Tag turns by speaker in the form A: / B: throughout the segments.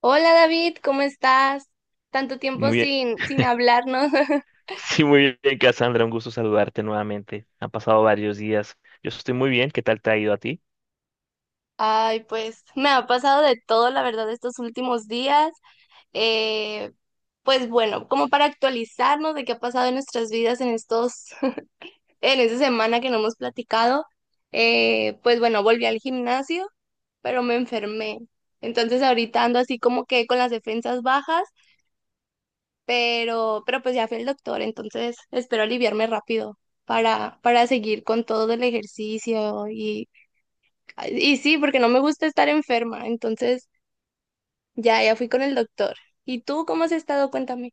A: Hola David, ¿cómo estás? Tanto
B: Muy
A: tiempo
B: bien.
A: sin, sin hablarnos.
B: Sí, muy bien, Cassandra. Un gusto saludarte nuevamente. Han pasado varios días. Yo estoy muy bien. ¿Qué tal te ha ido a ti?
A: Ay, pues me ha pasado de todo, la verdad, estos últimos días. Eh, pues bueno, como para actualizarnos de qué ha pasado en nuestras vidas en estos, en esta semana que no hemos platicado. Pues bueno, volví al gimnasio, pero me enfermé. Entonces ahorita ando así como que con las defensas bajas pero pues ya fui al doctor, entonces espero aliviarme rápido para seguir con todo el ejercicio y sí, porque no me gusta estar enferma, entonces ya, ya fui con el doctor. ¿Y tú cómo has estado? Cuéntame.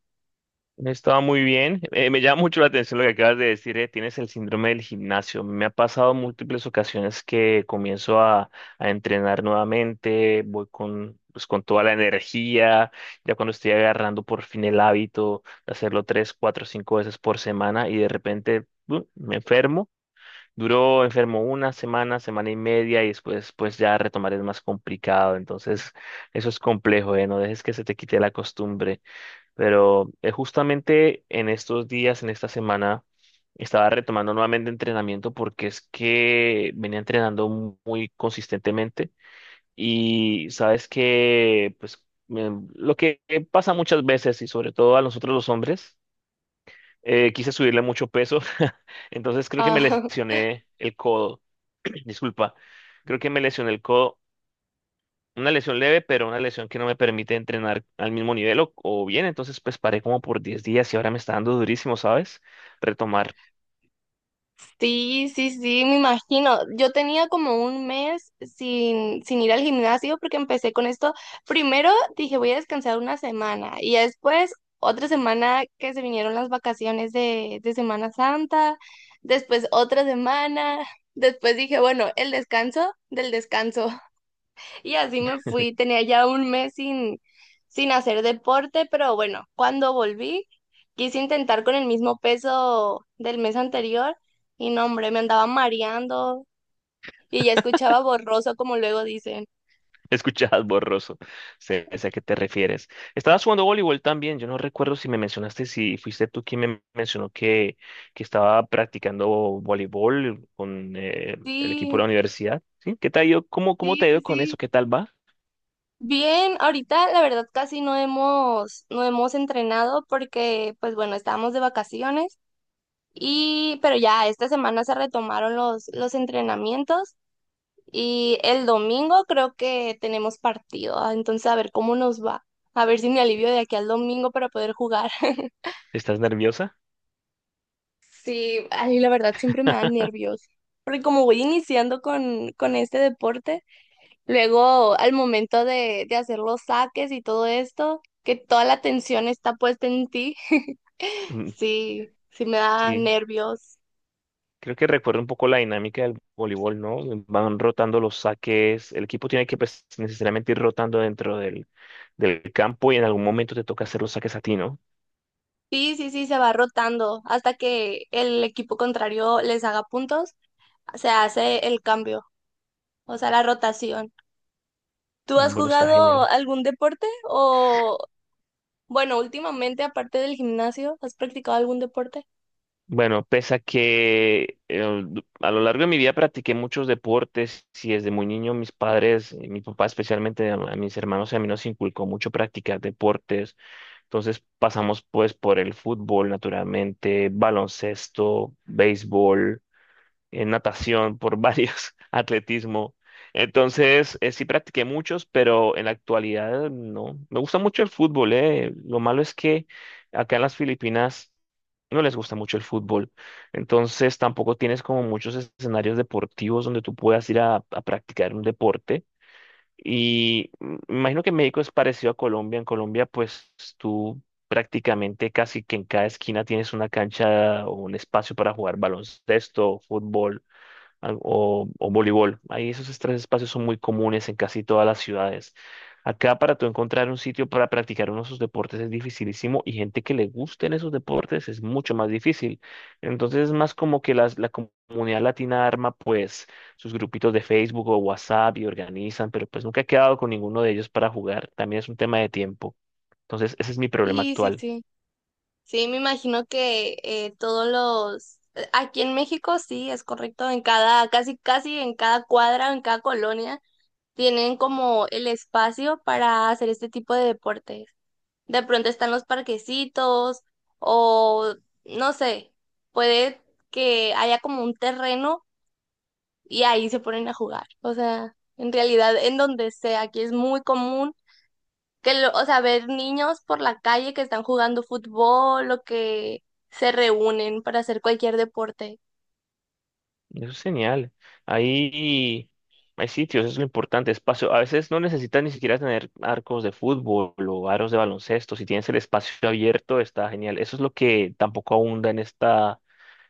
B: He estado muy bien. Me llama mucho la atención lo que acabas de decir. Tienes el síndrome del gimnasio. Me ha pasado múltiples ocasiones que comienzo a entrenar nuevamente. Voy con, pues, con toda la energía. Ya cuando estoy agarrando por fin el hábito de hacerlo tres, cuatro, cinco veces por semana y de repente me enfermo. Duró enfermo una semana, semana y media y después pues ya retomar es más complicado. Entonces eso es complejo, ¿eh? No dejes que se te quite la costumbre. Pero justamente en estos días, en esta semana, estaba retomando nuevamente entrenamiento porque es que venía entrenando muy consistentemente y sabes que pues lo que pasa muchas veces y sobre todo a nosotros los hombres, quise subirle mucho peso. Entonces creo que me
A: Ah,
B: lesioné el codo. Disculpa, creo que me lesioné el codo, una lesión leve, pero una lesión que no me permite entrenar al mismo nivel o, bien, entonces pues paré como por 10 días y ahora me está dando durísimo, ¿sabes? Retomar.
A: Sí, sí, sí, me imagino. Yo tenía como un mes sin ir al gimnasio porque empecé con esto. Primero dije, voy a descansar una semana y ya después otra semana que se vinieron las vacaciones de Semana Santa, después otra semana, después dije, bueno, el descanso del descanso. Y así me fui, tenía ya un mes sin hacer deporte, pero bueno, cuando volví, quise intentar con el mismo peso del mes anterior y no, hombre, me andaba mareando y ya escuchaba borroso, como luego dicen.
B: Escuchabas borroso, sé a qué te refieres. Estabas jugando voleibol también, yo no recuerdo si me mencionaste, si fuiste tú quien me mencionó que estaba practicando voleibol con el equipo de
A: Sí,
B: la universidad, ¿sí? ¿Qué te ha ido? ¿Cómo te
A: sí,
B: ha
A: sí,
B: ido con eso?
A: sí.
B: ¿Qué tal va?
A: Bien, ahorita la verdad casi no hemos entrenado porque, pues bueno, estábamos de vacaciones y, pero ya esta semana se retomaron los entrenamientos. Y el domingo creo que tenemos partido, ah, entonces a ver cómo nos va. A ver si me alivio de aquí al domingo para poder jugar.
B: ¿Estás nerviosa?
A: Sí, ay, la verdad siempre me dan nervios. Porque como voy iniciando con este deporte, luego al momento de hacer los saques y todo esto, que toda la atención está puesta en ti,
B: Mm,
A: sí, sí me da
B: sí.
A: nervios.
B: Creo que recuerda un poco la dinámica del voleibol, ¿no? Van rotando los saques, el equipo tiene que pues, necesariamente ir rotando dentro del, campo y en algún momento te toca hacer los saques a ti, ¿no?
A: Sí, sí, sí, se va rotando hasta que el equipo contrario les haga puntos, se hace el cambio. O sea, la rotación. ¿Tú has
B: Bueno, está genial.
A: jugado algún deporte? O, bueno, últimamente, aparte del gimnasio, ¿has practicado algún deporte?
B: Bueno, pese a que a lo largo de mi vida practiqué muchos deportes y desde muy niño mis padres, mi papá especialmente, a mis hermanos y a mí nos inculcó mucho practicar deportes. Entonces pasamos pues por el fútbol, naturalmente, baloncesto, béisbol en natación, por varios, atletismo. Entonces, sí practiqué muchos, pero en la actualidad no. Me gusta mucho el fútbol. Lo malo es que acá en las Filipinas no les gusta mucho el fútbol. Entonces, tampoco tienes como muchos escenarios deportivos donde tú puedas ir a, practicar un deporte. Y me imagino que México es parecido a Colombia. En Colombia, pues tú prácticamente casi que en cada esquina tienes una cancha o un espacio para jugar baloncesto, fútbol o voleibol. Ahí esos tres espacios son muy comunes en casi todas las ciudades. Acá para tú encontrar un sitio para practicar uno de esos deportes es dificilísimo y gente que le gusten esos deportes es mucho más difícil. Entonces es más como que la comunidad latina arma pues sus grupitos de Facebook o WhatsApp y organizan, pero pues nunca he quedado con ninguno de ellos para jugar. También es un tema de tiempo. Entonces ese es mi problema
A: Sí, sí,
B: actual.
A: sí. Sí, me imagino que todos los... aquí en México, sí, es correcto. En cada, casi, casi en cada cuadra, en cada colonia, tienen como el espacio para hacer este tipo de deportes. De pronto están los parquecitos o, no sé, puede que haya como un terreno y ahí se ponen a jugar. O sea, en realidad, en donde sea, aquí es muy común que, lo, o sea, ver niños por la calle que están jugando fútbol o que se reúnen para hacer cualquier deporte.
B: Eso es genial. Ahí hay sitios, eso es lo importante, espacio. A veces no necesitas ni siquiera tener arcos de fútbol o aros de baloncesto. Si tienes el espacio abierto, está genial. Eso es lo que tampoco abunda en esta,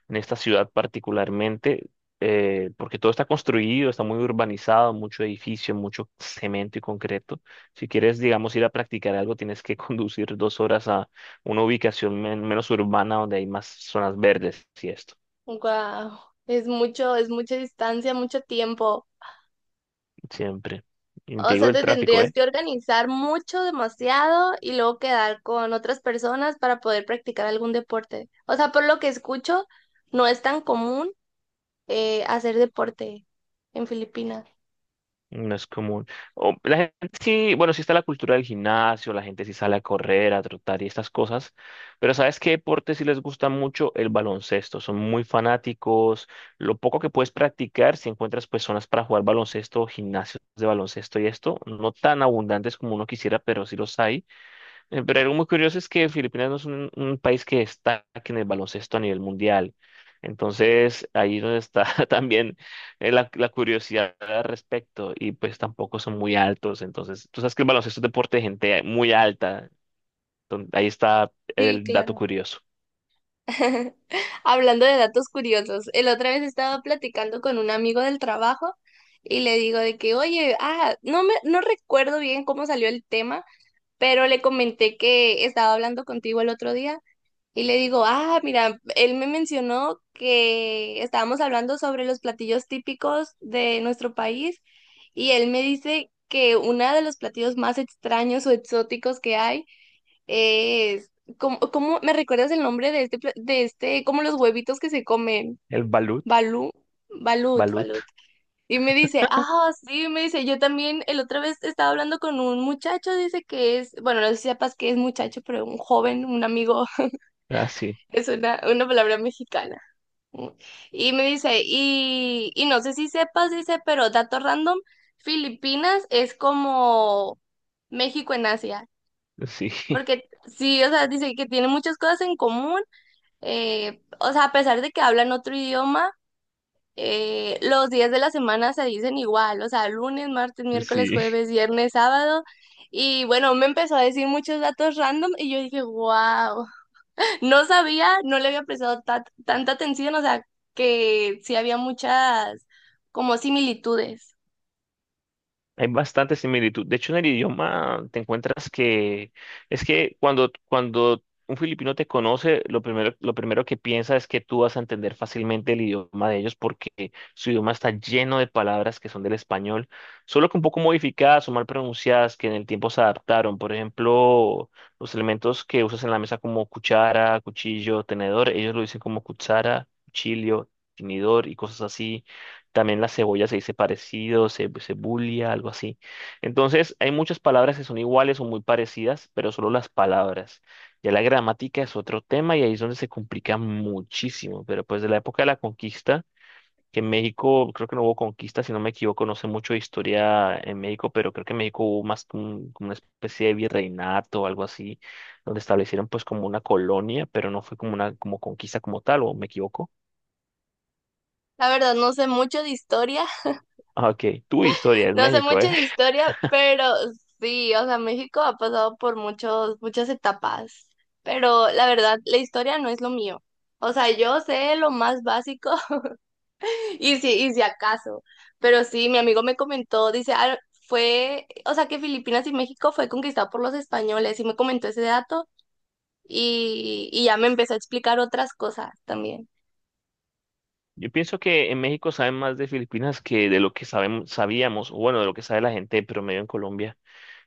B: en esta ciudad particularmente, porque todo está construido, está muy urbanizado, mucho edificio, mucho cemento y concreto. Si quieres, digamos, ir a practicar algo, tienes que conducir 2 horas a una ubicación menos urbana donde hay más zonas verdes y esto.
A: Wow, es mucho, es mucha distancia, mucho tiempo.
B: Siempre. Y te
A: O sea,
B: digo el
A: te
B: tráfico,
A: tendrías
B: ¿eh?
A: que organizar mucho, demasiado, y luego quedar con otras personas para poder practicar algún deporte. O sea, por lo que escucho, no es tan común hacer deporte en Filipinas.
B: No es común. O la gente sí, bueno, sí está la cultura del gimnasio, la gente sí sale a correr, a trotar y estas cosas, pero ¿sabes qué deporte sí les gusta mucho? El baloncesto, son muy fanáticos. Lo poco que puedes practicar, si encuentras personas para jugar baloncesto, gimnasios de baloncesto y esto, no tan abundantes como uno quisiera, pero sí los hay. Pero algo muy curioso es que Filipinas no es un país que destaque en el baloncesto a nivel mundial. Entonces, ahí es donde está también la curiosidad al respecto. Y pues tampoco son muy altos. Entonces, tú sabes que el baloncesto es deporte de gente muy alta. Entonces, ahí está
A: Sí,
B: el dato
A: claro.
B: curioso.
A: Hablando de datos curiosos, el otra vez estaba platicando con un amigo del trabajo y le digo de que, oye, ah, no recuerdo bien cómo salió el tema, pero le comenté que estaba hablando contigo el otro día y le digo, ah, mira, él me mencionó que estábamos hablando sobre los platillos típicos de nuestro país y él me dice que uno de los platillos más extraños o exóticos que hay es, ¿cómo, me recuerdas el nombre de este, de este, como los huevitos que se comen?
B: El balut,
A: Balú, balut,
B: balut.
A: balut. Y me dice, ah, sí, me dice, yo también, el otra vez estaba hablando con un muchacho, dice que es, bueno, no sé si sepas que es muchacho, pero un joven, un amigo,
B: Ah, sí,
A: es una palabra mexicana. Y me dice, y no sé si sepas, dice, pero dato random, Filipinas es como México en Asia.
B: sí,
A: Porque sí, o sea, dice que tiene muchas cosas en común o sea, a pesar de que hablan otro idioma, los días de la semana se dicen igual, o sea, lunes, martes, miércoles,
B: sí.
A: jueves, viernes, sábado. Y bueno, me empezó a decir muchos datos random y yo dije, wow, no sabía, no le había prestado tanta atención, o sea, que sí había muchas como similitudes.
B: Hay bastante similitud. De hecho, en el idioma te encuentras que es que cuando un filipino te conoce, lo primero que piensa es que tú vas a entender fácilmente el idioma de ellos porque su idioma está lleno de palabras que son del español, solo que un poco modificadas o mal pronunciadas que en el tiempo se adaptaron. Por ejemplo, los elementos que usas en la mesa como cuchara, cuchillo, tenedor, ellos lo dicen como cuchara, cuchillo, tenedor y cosas así. También la cebolla se dice parecido, cebulia, algo así. Entonces, hay muchas palabras que son iguales o muy parecidas, pero solo las palabras. Ya la gramática es otro tema y ahí es donde se complica muchísimo. Pero pues de la época de la conquista, que en México creo que no hubo conquista, si no me equivoco, no sé mucho de historia en México, pero creo que en México hubo más como como una especie de virreinato o algo así, donde establecieron pues como una colonia, pero no fue como una como conquista como tal, o me equivoco.
A: La verdad, no sé mucho de historia.
B: Ah, OK, tu historia es
A: No sé
B: México,
A: mucho
B: ¿eh?
A: de historia, pero sí, o sea, México ha pasado por muchos, muchas etapas, pero la verdad, la historia no es lo mío. O sea, yo sé lo más básico y si acaso, pero sí, mi amigo me comentó, dice, "Ah, fue, o sea, que Filipinas y México fue conquistado por los españoles" y me comentó ese dato y ya me empezó a explicar otras cosas también.
B: Yo pienso que en México saben más de Filipinas que de lo que sabemos, sabíamos, o bueno, de lo que sabe la gente de promedio en Colombia.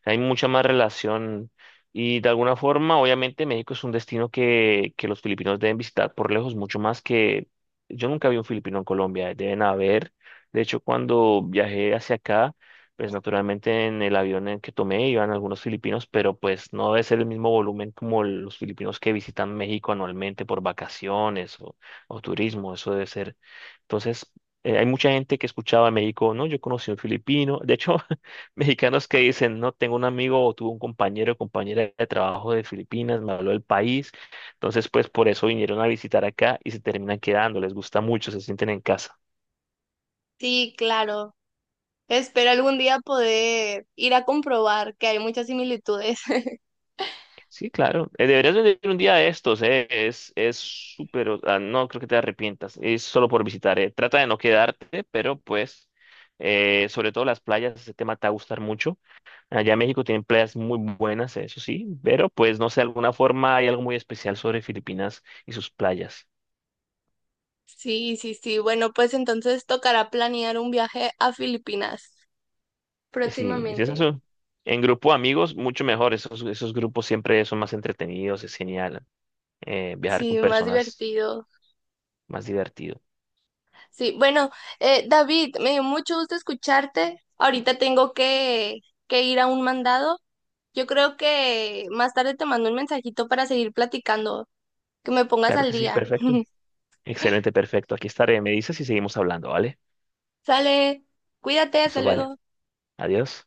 B: Hay mucha más relación y de alguna forma, obviamente, México es un destino que, los filipinos deben visitar por lejos, mucho más que yo nunca vi un filipino en Colombia, deben haber. De hecho, cuando viajé hacia acá, pues naturalmente en el avión en que tomé iban algunos filipinos, pero pues no debe ser el mismo volumen como los filipinos que visitan México anualmente por vacaciones o turismo, eso debe ser entonces, hay mucha gente que escuchaba en México, no, yo conocí a un filipino. De hecho, mexicanos que dicen, no, tengo un amigo o tuve un compañero o compañera de trabajo de Filipinas, me habló del país. Entonces, pues por eso vinieron a visitar acá y se terminan quedando, les gusta mucho, se sienten en casa.
A: Sí, claro. Espero algún día poder ir a comprobar que hay muchas similitudes.
B: Sí, claro. Deberías venir un día de estos, es súper, o sea, no creo que te arrepientas, es solo por visitar. Trata de no quedarte, pero pues, sobre todo las playas, ese tema te va a gustar mucho. Allá en México tienen playas muy buenas, eso sí, pero pues no sé, de alguna forma hay algo muy especial sobre Filipinas y sus playas.
A: Sí, sí, sí. Bueno, pues entonces tocará planear un viaje a Filipinas
B: Y sí, es
A: próximamente.
B: eso. En grupo de amigos, mucho mejor. Esos, esos grupos siempre son más entretenidos, es genial. Viajar
A: Sí,
B: con
A: más
B: personas
A: divertido.
B: más divertido.
A: Sí, bueno, David, me dio mucho gusto escucharte. Ahorita tengo que ir a un mandado. Yo creo que más tarde te mando un mensajito para seguir platicando, que me pongas
B: Claro
A: al
B: que sí,
A: día.
B: perfecto. Excelente, perfecto. Aquí estaré. Me dices y seguimos hablando, ¿vale?
A: Sale, cuídate, hasta
B: Eso vale.
A: luego.
B: Adiós.